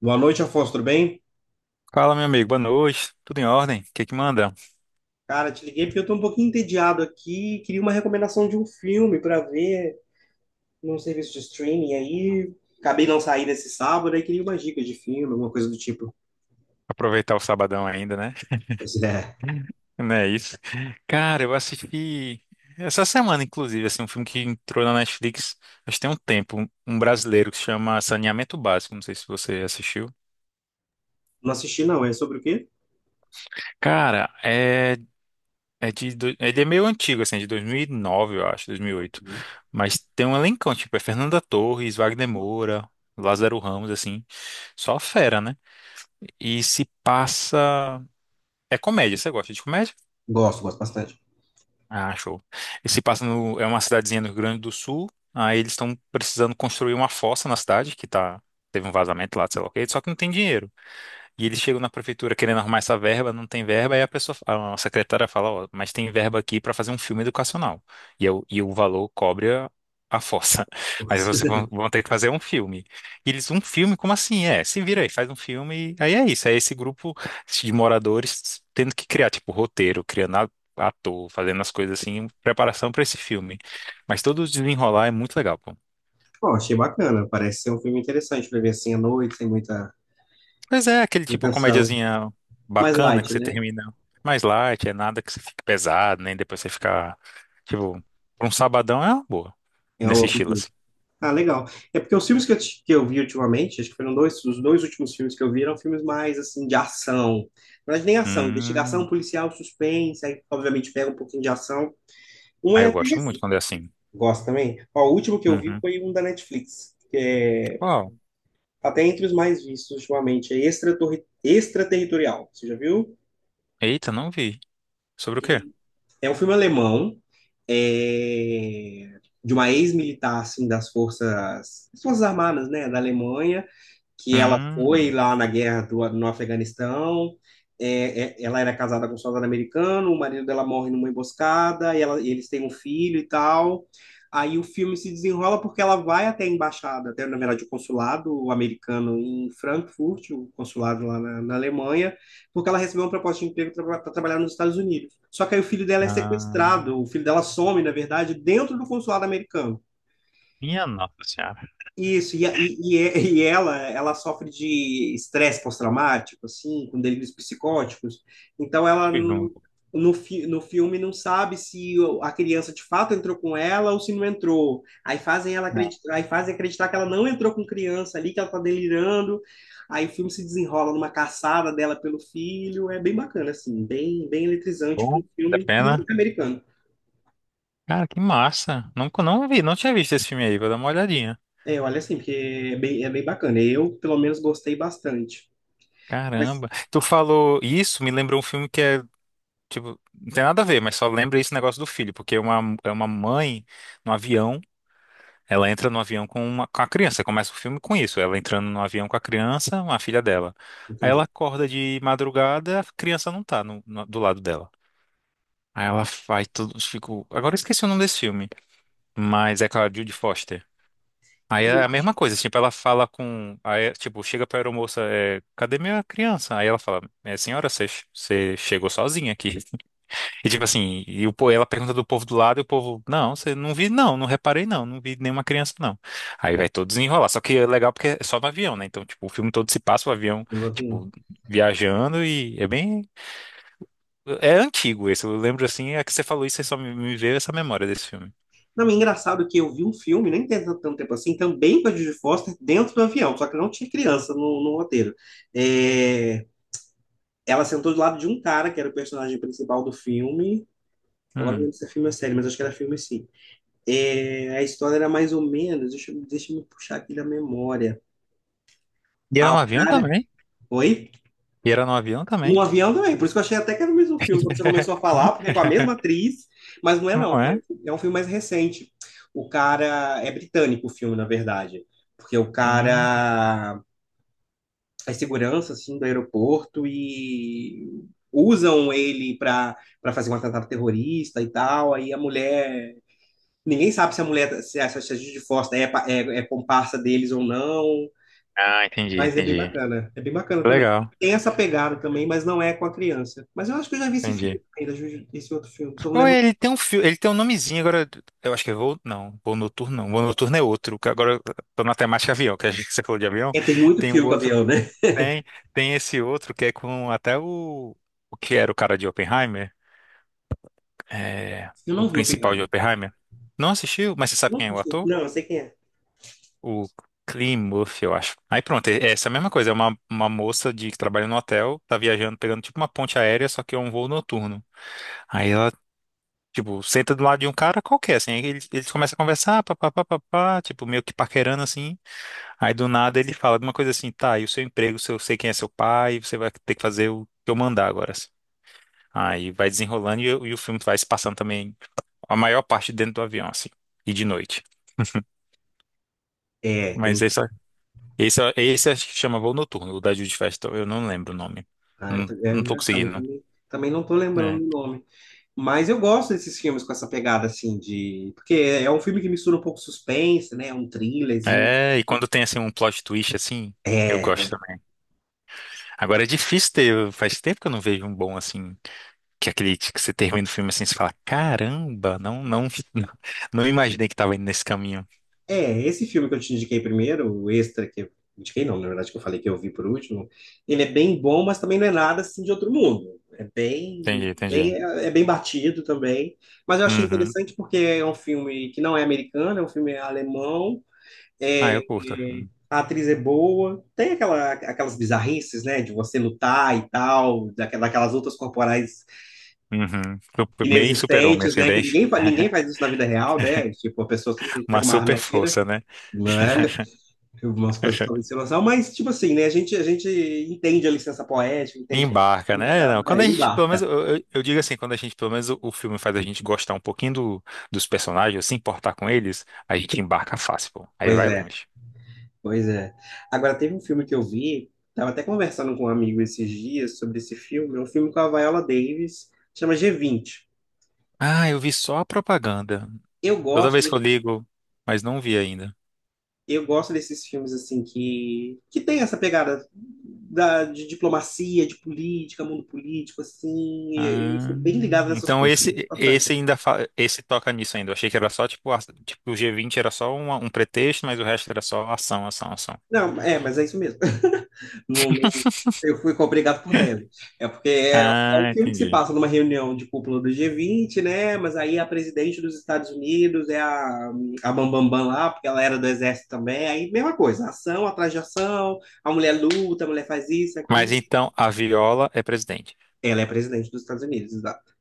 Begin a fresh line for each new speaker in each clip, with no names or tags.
Boa noite, Afonso, tudo bem?
Fala, meu amigo, boa noite. Tudo em ordem? O que que manda?
Cara, te liguei porque eu tô um pouquinho entediado aqui, queria uma recomendação de um filme para ver num serviço de streaming aí. Acabei não saindo esse sábado, aí queria uma dica de filme, alguma coisa do tipo.
Aproveitar o sabadão ainda, né?
Pois é,
Não é isso? Cara, eu assisti essa semana, inclusive, assim, um filme que entrou na Netflix, acho que tem um tempo, um brasileiro que se chama Saneamento Básico, não sei se você assistiu.
não assisti não, é sobre o quê?
Cara, é, é de, ele é meio antigo, assim, é de 2009, eu acho, 2008. Mas tem um elencão, tipo, é Fernanda Torres, Wagner Moura, Lázaro Ramos, assim, só fera, né? E se passa... É comédia, você gosta de comédia?
Gosto, gosto bastante.
Ah, show. E passa no, é uma cidadezinha no Rio Grande do Sul, aí eles estão precisando construir uma fossa na cidade, que tá, teve um vazamento lá, sei lá o quê, só que não tem dinheiro. E eles chegam na prefeitura querendo arrumar essa verba, não tem verba, e a pessoa, a secretária fala, ó, mas tem verba aqui para fazer um filme educacional. E, é o e o valor cobre a força. Mas vocês vão, vão ter que fazer um filme. E eles, um filme? Como assim? É, se vira aí, faz um filme. Aí é isso, é esse grupo de moradores tendo que criar, tipo, roteiro, ator, fazendo as coisas assim, em preparação para esse filme. Mas todo o desenrolar é muito legal, pô.
Bom, achei bacana, parece ser um filme interessante para ver assim à noite, sem muita
Pois é, aquele
muita
tipo
canção.
comédiazinha
Mais
bacana que
light,
você
né?
termina mais light, é nada que você fique pesado, nem depois você ficar, tipo, pra um sabadão é uma boa,
É
nesse
algo
estilo assim.
Ah, legal. É porque os filmes que que eu vi ultimamente, acho que foram dois, os dois últimos filmes que eu vi eram filmes mais, assim, de ação. Na verdade, nem ação, investigação
Hum,
policial, suspense, aí, obviamente, pega um pouquinho de ação. Um
aí
é...
eu
até...
gosto muito quando é assim.
Gosto também. Ó, o último que eu vi
Uhum.
foi um da Netflix,
Uau,
tá até entre os mais vistos ultimamente, é Extraterritorial. Você já viu?
eita, não vi. Sobre o quê?
E é um filme alemão, é, de uma ex-militar, assim, das forças armadas, né, da Alemanha, que ela foi
Hum,
lá na guerra no Afeganistão. Ela era casada com um soldado americano, o marido dela morre numa emboscada, e e eles têm um filho e tal. Aí o filme se desenrola porque ela vai até a embaixada, até na verdade o consulado americano em Frankfurt, o consulado lá na Alemanha, porque ela recebeu uma proposta de emprego para trabalhar nos Estados Unidos. Só que aí o filho dela é
ah,
sequestrado, o filho dela some, na verdade, dentro do consulado americano.
minha nossa senhora.
Isso. E ela sofre de estresse pós-traumático, assim, com delírios psicóticos. Então, ela,
Fui
n-
longo.
no, fi, no filme, não sabe se a criança de fato entrou com ela ou se não entrou. Aí fazem ela
Ah,
acreditar, aí fazem acreditar que ela não entrou com criança ali, que ela tá delirando. Aí o filme se desenrola numa caçada dela pelo filho. É bem bacana, assim, bem, bem eletrizante para um
bom, da
filme que não
pena.
é americano.
Cara, que massa. Nunca não vi, não tinha visto esse filme aí, vou dar uma olhadinha.
É, olha assim, porque é bem bacana. Eu, pelo menos, gostei bastante. Mas,
Caramba. Tu falou isso, me lembrou um filme que é. Tipo, não tem nada a ver, mas só lembra esse negócio do filho, porque uma, é uma mãe no avião, ela entra no avião com, uma, com a criança, começa o filme com isso, ela entrando no avião com a criança, uma filha dela. Aí ela
Entendi.
acorda de madrugada, a criança não tá do lado dela. Aí ela faz tudo, fico, agora eu esqueci o nome desse filme, mas é com a Judy Foster. Aí é a
Aviões,
mesma coisa, tipo, ela fala com, aí, tipo, chega pra aeromoça, é, cadê minha criança? Aí ela fala, é, senhora, você chegou sozinha aqui. E tipo assim, e o, ela pergunta do povo do lado e o povo, não, você não vi, não, não reparei, não, não vi nenhuma criança, não. Aí vai todo desenrolar. Só que é legal porque é só no avião, né? Então, tipo, o filme todo se passa o avião,
avião.
tipo, viajando e é bem. É antigo esse. Eu lembro assim, é que você falou isso, aí só me, me veio essa memória desse filme.
Não, é engraçado que eu vi um filme, nem tem tanto tempo assim, também com a Judy Foster dentro do avião, só que não tinha criança no roteiro. É, ela sentou do lado de um cara, que era o personagem principal do filme. Agora não
Hum.
lembro se é filme ou série, mas acho que era filme sim. É, a história era mais ou menos, deixa, deixa eu me puxar aqui da memória.
E era
Ah,
no
o
avião
cara.
também?
Oi?
E era no avião também?
No avião também, por isso que eu achei até que era o mesmo filme quando você começou a falar, porque é com a mesma atriz, mas não é não,
Não é?
é um filme mais recente. O cara é britânico o filme, na verdade, porque o
Hum.
cara é segurança assim do aeroporto e usam ele para fazer um atentado terrorista e tal, aí a mulher, ninguém sabe se a mulher se a, se a Judy Foster é comparsa deles ou não.
Ah, entendi,
Mas é bem
entendi.
bacana. É bem bacana também.
Legal,
Tem essa pegada também, mas não é com a criança. Mas eu acho que eu já vi esse filme
entendi.
também, já vi esse outro filme. Só não
Qual é?
lembro.
Ele tem um filme, ele tem um nomezinho agora. Eu acho que é Voo. Não, Voo Noturno não. Voo Noturno é outro. Que Agora eu tô na temática avião, que a gente você falou de avião.
É, tem muito
Tem um
filme com
outro.
avião, né?
Tem, tem esse outro que é com até o. O que era o cara de Oppenheimer? É,
Eu
o
não vi o
principal de
Oppenheimer.
Oppenheimer. Não assistiu, mas você sabe
Não,
quem é
vi.
o ator?
Não, eu sei quem é.
O Cillian Murphy, eu acho. Aí pronto, é essa mesma coisa. É uma moça de, que trabalha no hotel, tá viajando, pegando tipo uma ponte aérea, só que é um voo noturno. Aí ela. Tipo, senta do lado de um cara qualquer, assim. Aí eles começam a conversar, papapá, papapá, tipo, meio que paquerando, assim. Aí do nada ele fala de uma coisa assim, tá, e o seu emprego, se eu sei quem é seu pai, você vai ter que fazer o que eu mandar agora, assim. Aí vai desenrolando e o filme vai se passando também a maior parte dentro do avião, assim. E de noite.
É,
Mas
tem.
esse acho que chama Voo Noturno, o da Judy Festival, eu não lembro o nome.
Ah,
Não,
é
não tô
engraçado, eu
conseguindo.
também não tô lembrando
É.
do nome. Mas eu gosto desses filmes com essa pegada, assim, de... Porque é um filme que mistura um pouco suspense, né? Um thrillerzinho.
É, e quando tem, assim, um plot twist, assim, eu
É,
gosto. Agora é difícil ter, faz tempo que eu não vejo um bom assim, que é aquele que você termina o filme assim, você fala, caramba, não, não, não imaginei que tava indo nesse caminho.
Esse filme que eu te indiquei primeiro, o Extra, que eu indiquei não, na verdade que eu falei que eu vi por último, ele é bem bom, mas também não é nada assim de outro mundo. É bem,
Entendi,
bem,
entendi.
é bem batido também. Mas eu achei
Uhum.
interessante porque é um filme que não é americano, é um filme alemão,
Ah, eu curto.
a atriz é boa, tem aquela, aquelas bizarrices, né, de você lutar e tal, daquelas lutas corporais
Uhum. Super- Bem super-homem,
inexistentes,
assim,
né, que
bem.
ninguém faz isso na vida real, né? Tipo, a pessoa simplesmente
Uma
pega uma arma e
super
atira,
força, né?
não é? Algumas coisas talvez sem noção, mas tipo assim, né? A gente entende a licença poética, entende,
Embarca, né? É, não, quando a gente, pelo menos,
embarca.
eu digo assim, quando a gente, pelo menos, o filme faz a gente gostar um pouquinho dos personagens, se importar com eles, a gente embarca fácil, pô. Aí
Pois
vai
é,
longe.
pois é. Agora teve um filme que eu vi, tava até conversando com um amigo esses dias sobre esse filme, é um filme com a Viola Davis, chama G20.
Ah, eu vi só a propaganda.
Eu
Toda
gosto,
vez que eu
de-
ligo, mas não vi ainda.
eu gosto desses filmes assim que tem essa pegada da, de diplomacia, de política, mundo político assim, eu
Ah,
sou bem ligado nessas
então
coisas,
esse
bastante.
esse ainda esse toca nisso ainda. Eu achei que era só tipo o G20 era só um pretexto, mas o resto era só ação, ação, ação.
Não, é, mas é isso mesmo. Não- não- eu fui obrigado por Leme. É porque é, é um
Ah,
filme que se
entendi.
passa numa reunião de cúpula do G20, né? Mas aí a presidente dos Estados Unidos é a Bambambam Bam Bam lá, porque ela era do exército também. Aí, mesma coisa, ação atrás de ação, a mulher luta, a mulher faz isso,
Mas
aquilo.
então a Viola é presidente.
Ela é presidente dos Estados Unidos, exato.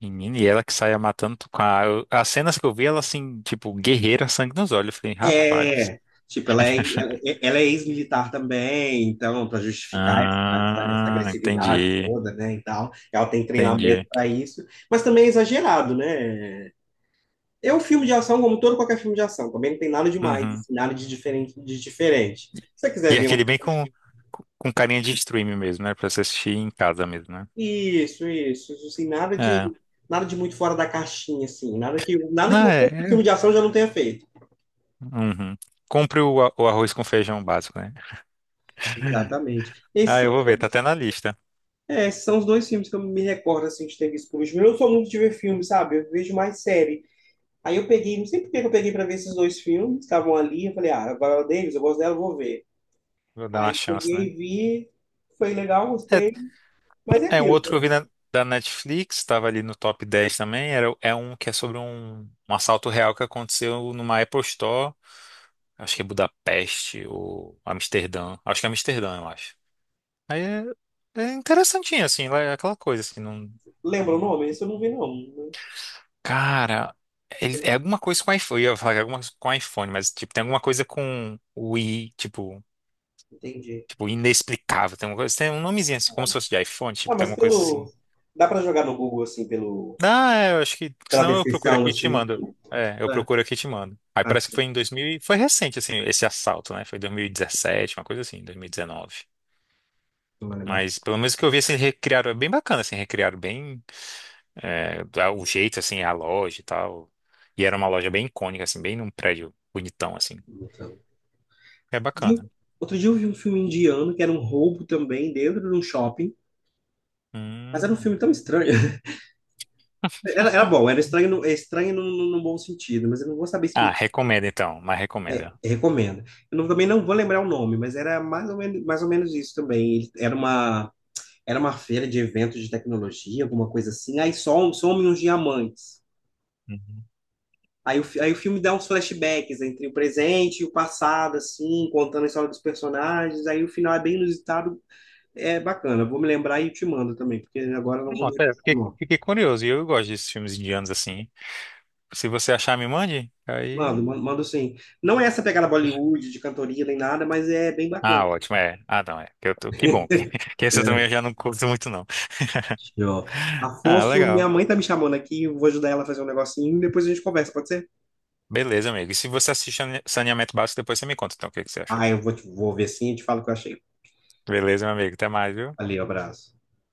Menina, e ela que saia matando com a, as cenas que eu vi, ela assim, tipo, guerreira, sangue nos olhos. Eu falei, rapaz.
É, tipo, ela é, ela é ela é ex-militar também, então, para justificar essa
Ah,
agressividade
entendi.
toda, né, e tal. Ela tem treinamento
Entendi.
para isso, mas também é exagerado, né? É um filme de ação como todo qualquer filme de ação. Também não tem nada demais,
Uhum.
assim, nada de diferente, de diferente. Se você quiser
E é
ver um...
aquele bem com carinha de stream mesmo, né? Pra você assistir em casa mesmo, né?
Isso, assim, nada
É.
de muito fora da caixinha, assim, nada que
Não, é.
um filme
É.
de ação já não tenha feito.
Uhum. Compre o arroz com feijão básico, né?
Exatamente. Esses,
Ah,
são-
eu vou ver, tá até na lista.
é, esses são os dois filmes que eu me recordo, assim, de ter visto por último. Eu não sou muito de ver filme, sabe? Eu vejo mais série. Aí eu peguei, não sei por que que eu peguei para ver esses dois filmes, estavam ali, eu falei, ah, a Viola Davis, eu gosto dela, eu vou ver.
Vou dar uma
Aí
chance, né?
peguei, vi, foi legal, gostei, mas é
É, é um
aquilo.
outro que eu vi da Netflix, tava ali no top 10 também. Era, é um que é sobre um, um assalto real que aconteceu numa Apple Store. Acho que é Budapeste ou Amsterdã. Acho que é Amsterdã, eu acho. Aí é, é interessantinho, assim, lá é aquela coisa, assim, não.
Lembra o nome? Esse eu não vi, não.
Cara, eles- é alguma coisa com iPhone. Eu ia falar que é alguma coisa com iPhone, mas tipo, tem alguma coisa com o i, tipo,
Entendi.
tipo, inexplicável. Tem uma coisa, tem um nomezinho assim, como se fosse de iPhone,
Ah,
tipo, tem
mas
alguma coisa assim.
pelo. Dá pra jogar no Google, assim, pelo...
Ah, é, eu acho que.
pela
Senão eu procuro
descrição,
aqui e te
assim.
mando. É, eu
É,
procuro aqui e te mando. Aí parece que
acho
foi em 2000. Foi recente, assim, esse assalto, né? Foi 2017, uma coisa assim, 2019.
que vai lembrar.
Mas pelo menos o que eu vi, assim, recriaram, é bem bacana, assim, recriaram bem é, o jeito, assim, a loja e tal. E era uma loja bem icônica, assim, bem num prédio bonitão, assim.
Então,
É
De-
bacana.
Outro dia eu vi um filme indiano que era um roubo também dentro de um shopping. Mas era um
Hum.
filme tão estranho. Era bom, era estranho, é estranho no bom sentido, mas eu não vou saber
Ah,
explicar.
recomenda então, mas recomenda.
Eu recomendo. Eu não- Também não vou lembrar o nome, mas era mais ou menos isso também. Era uma feira de eventos de tecnologia, alguma coisa assim. Aí somem uns diamantes.
Uhum.
Aí o filme dá uns flashbacks entre o presente e o passado, assim, contando a história dos personagens. Aí o final é bem inusitado, é bacana. Vou me lembrar e te mando também, porque agora eu não
Não,
vou me
até
recordar o
fiquei,
nome.
fiquei curioso. E eu gosto desses filmes indianos assim. Se você achar, me mande. Aí.
Mando, mando, mando sim. Não é essa pegada Bollywood, de cantoria nem nada, mas é bem bacana.
Ah, ótimo, é. Ah, não, é. Que, eu tô... que bom. Que esse eu também já não curto muito, não.
Ó,
Ah,
Afonso, minha
legal.
mãe tá me chamando aqui, eu vou ajudar ela a fazer um negocinho e depois a gente conversa, pode ser?
Beleza, amigo. E se você assiste Saneamento Básico, depois você me conta, então, o que que você achou.
Ah, vou ver sim e te falo o que eu achei.
Beleza, meu amigo. Até mais, viu?
Valeu, abraço.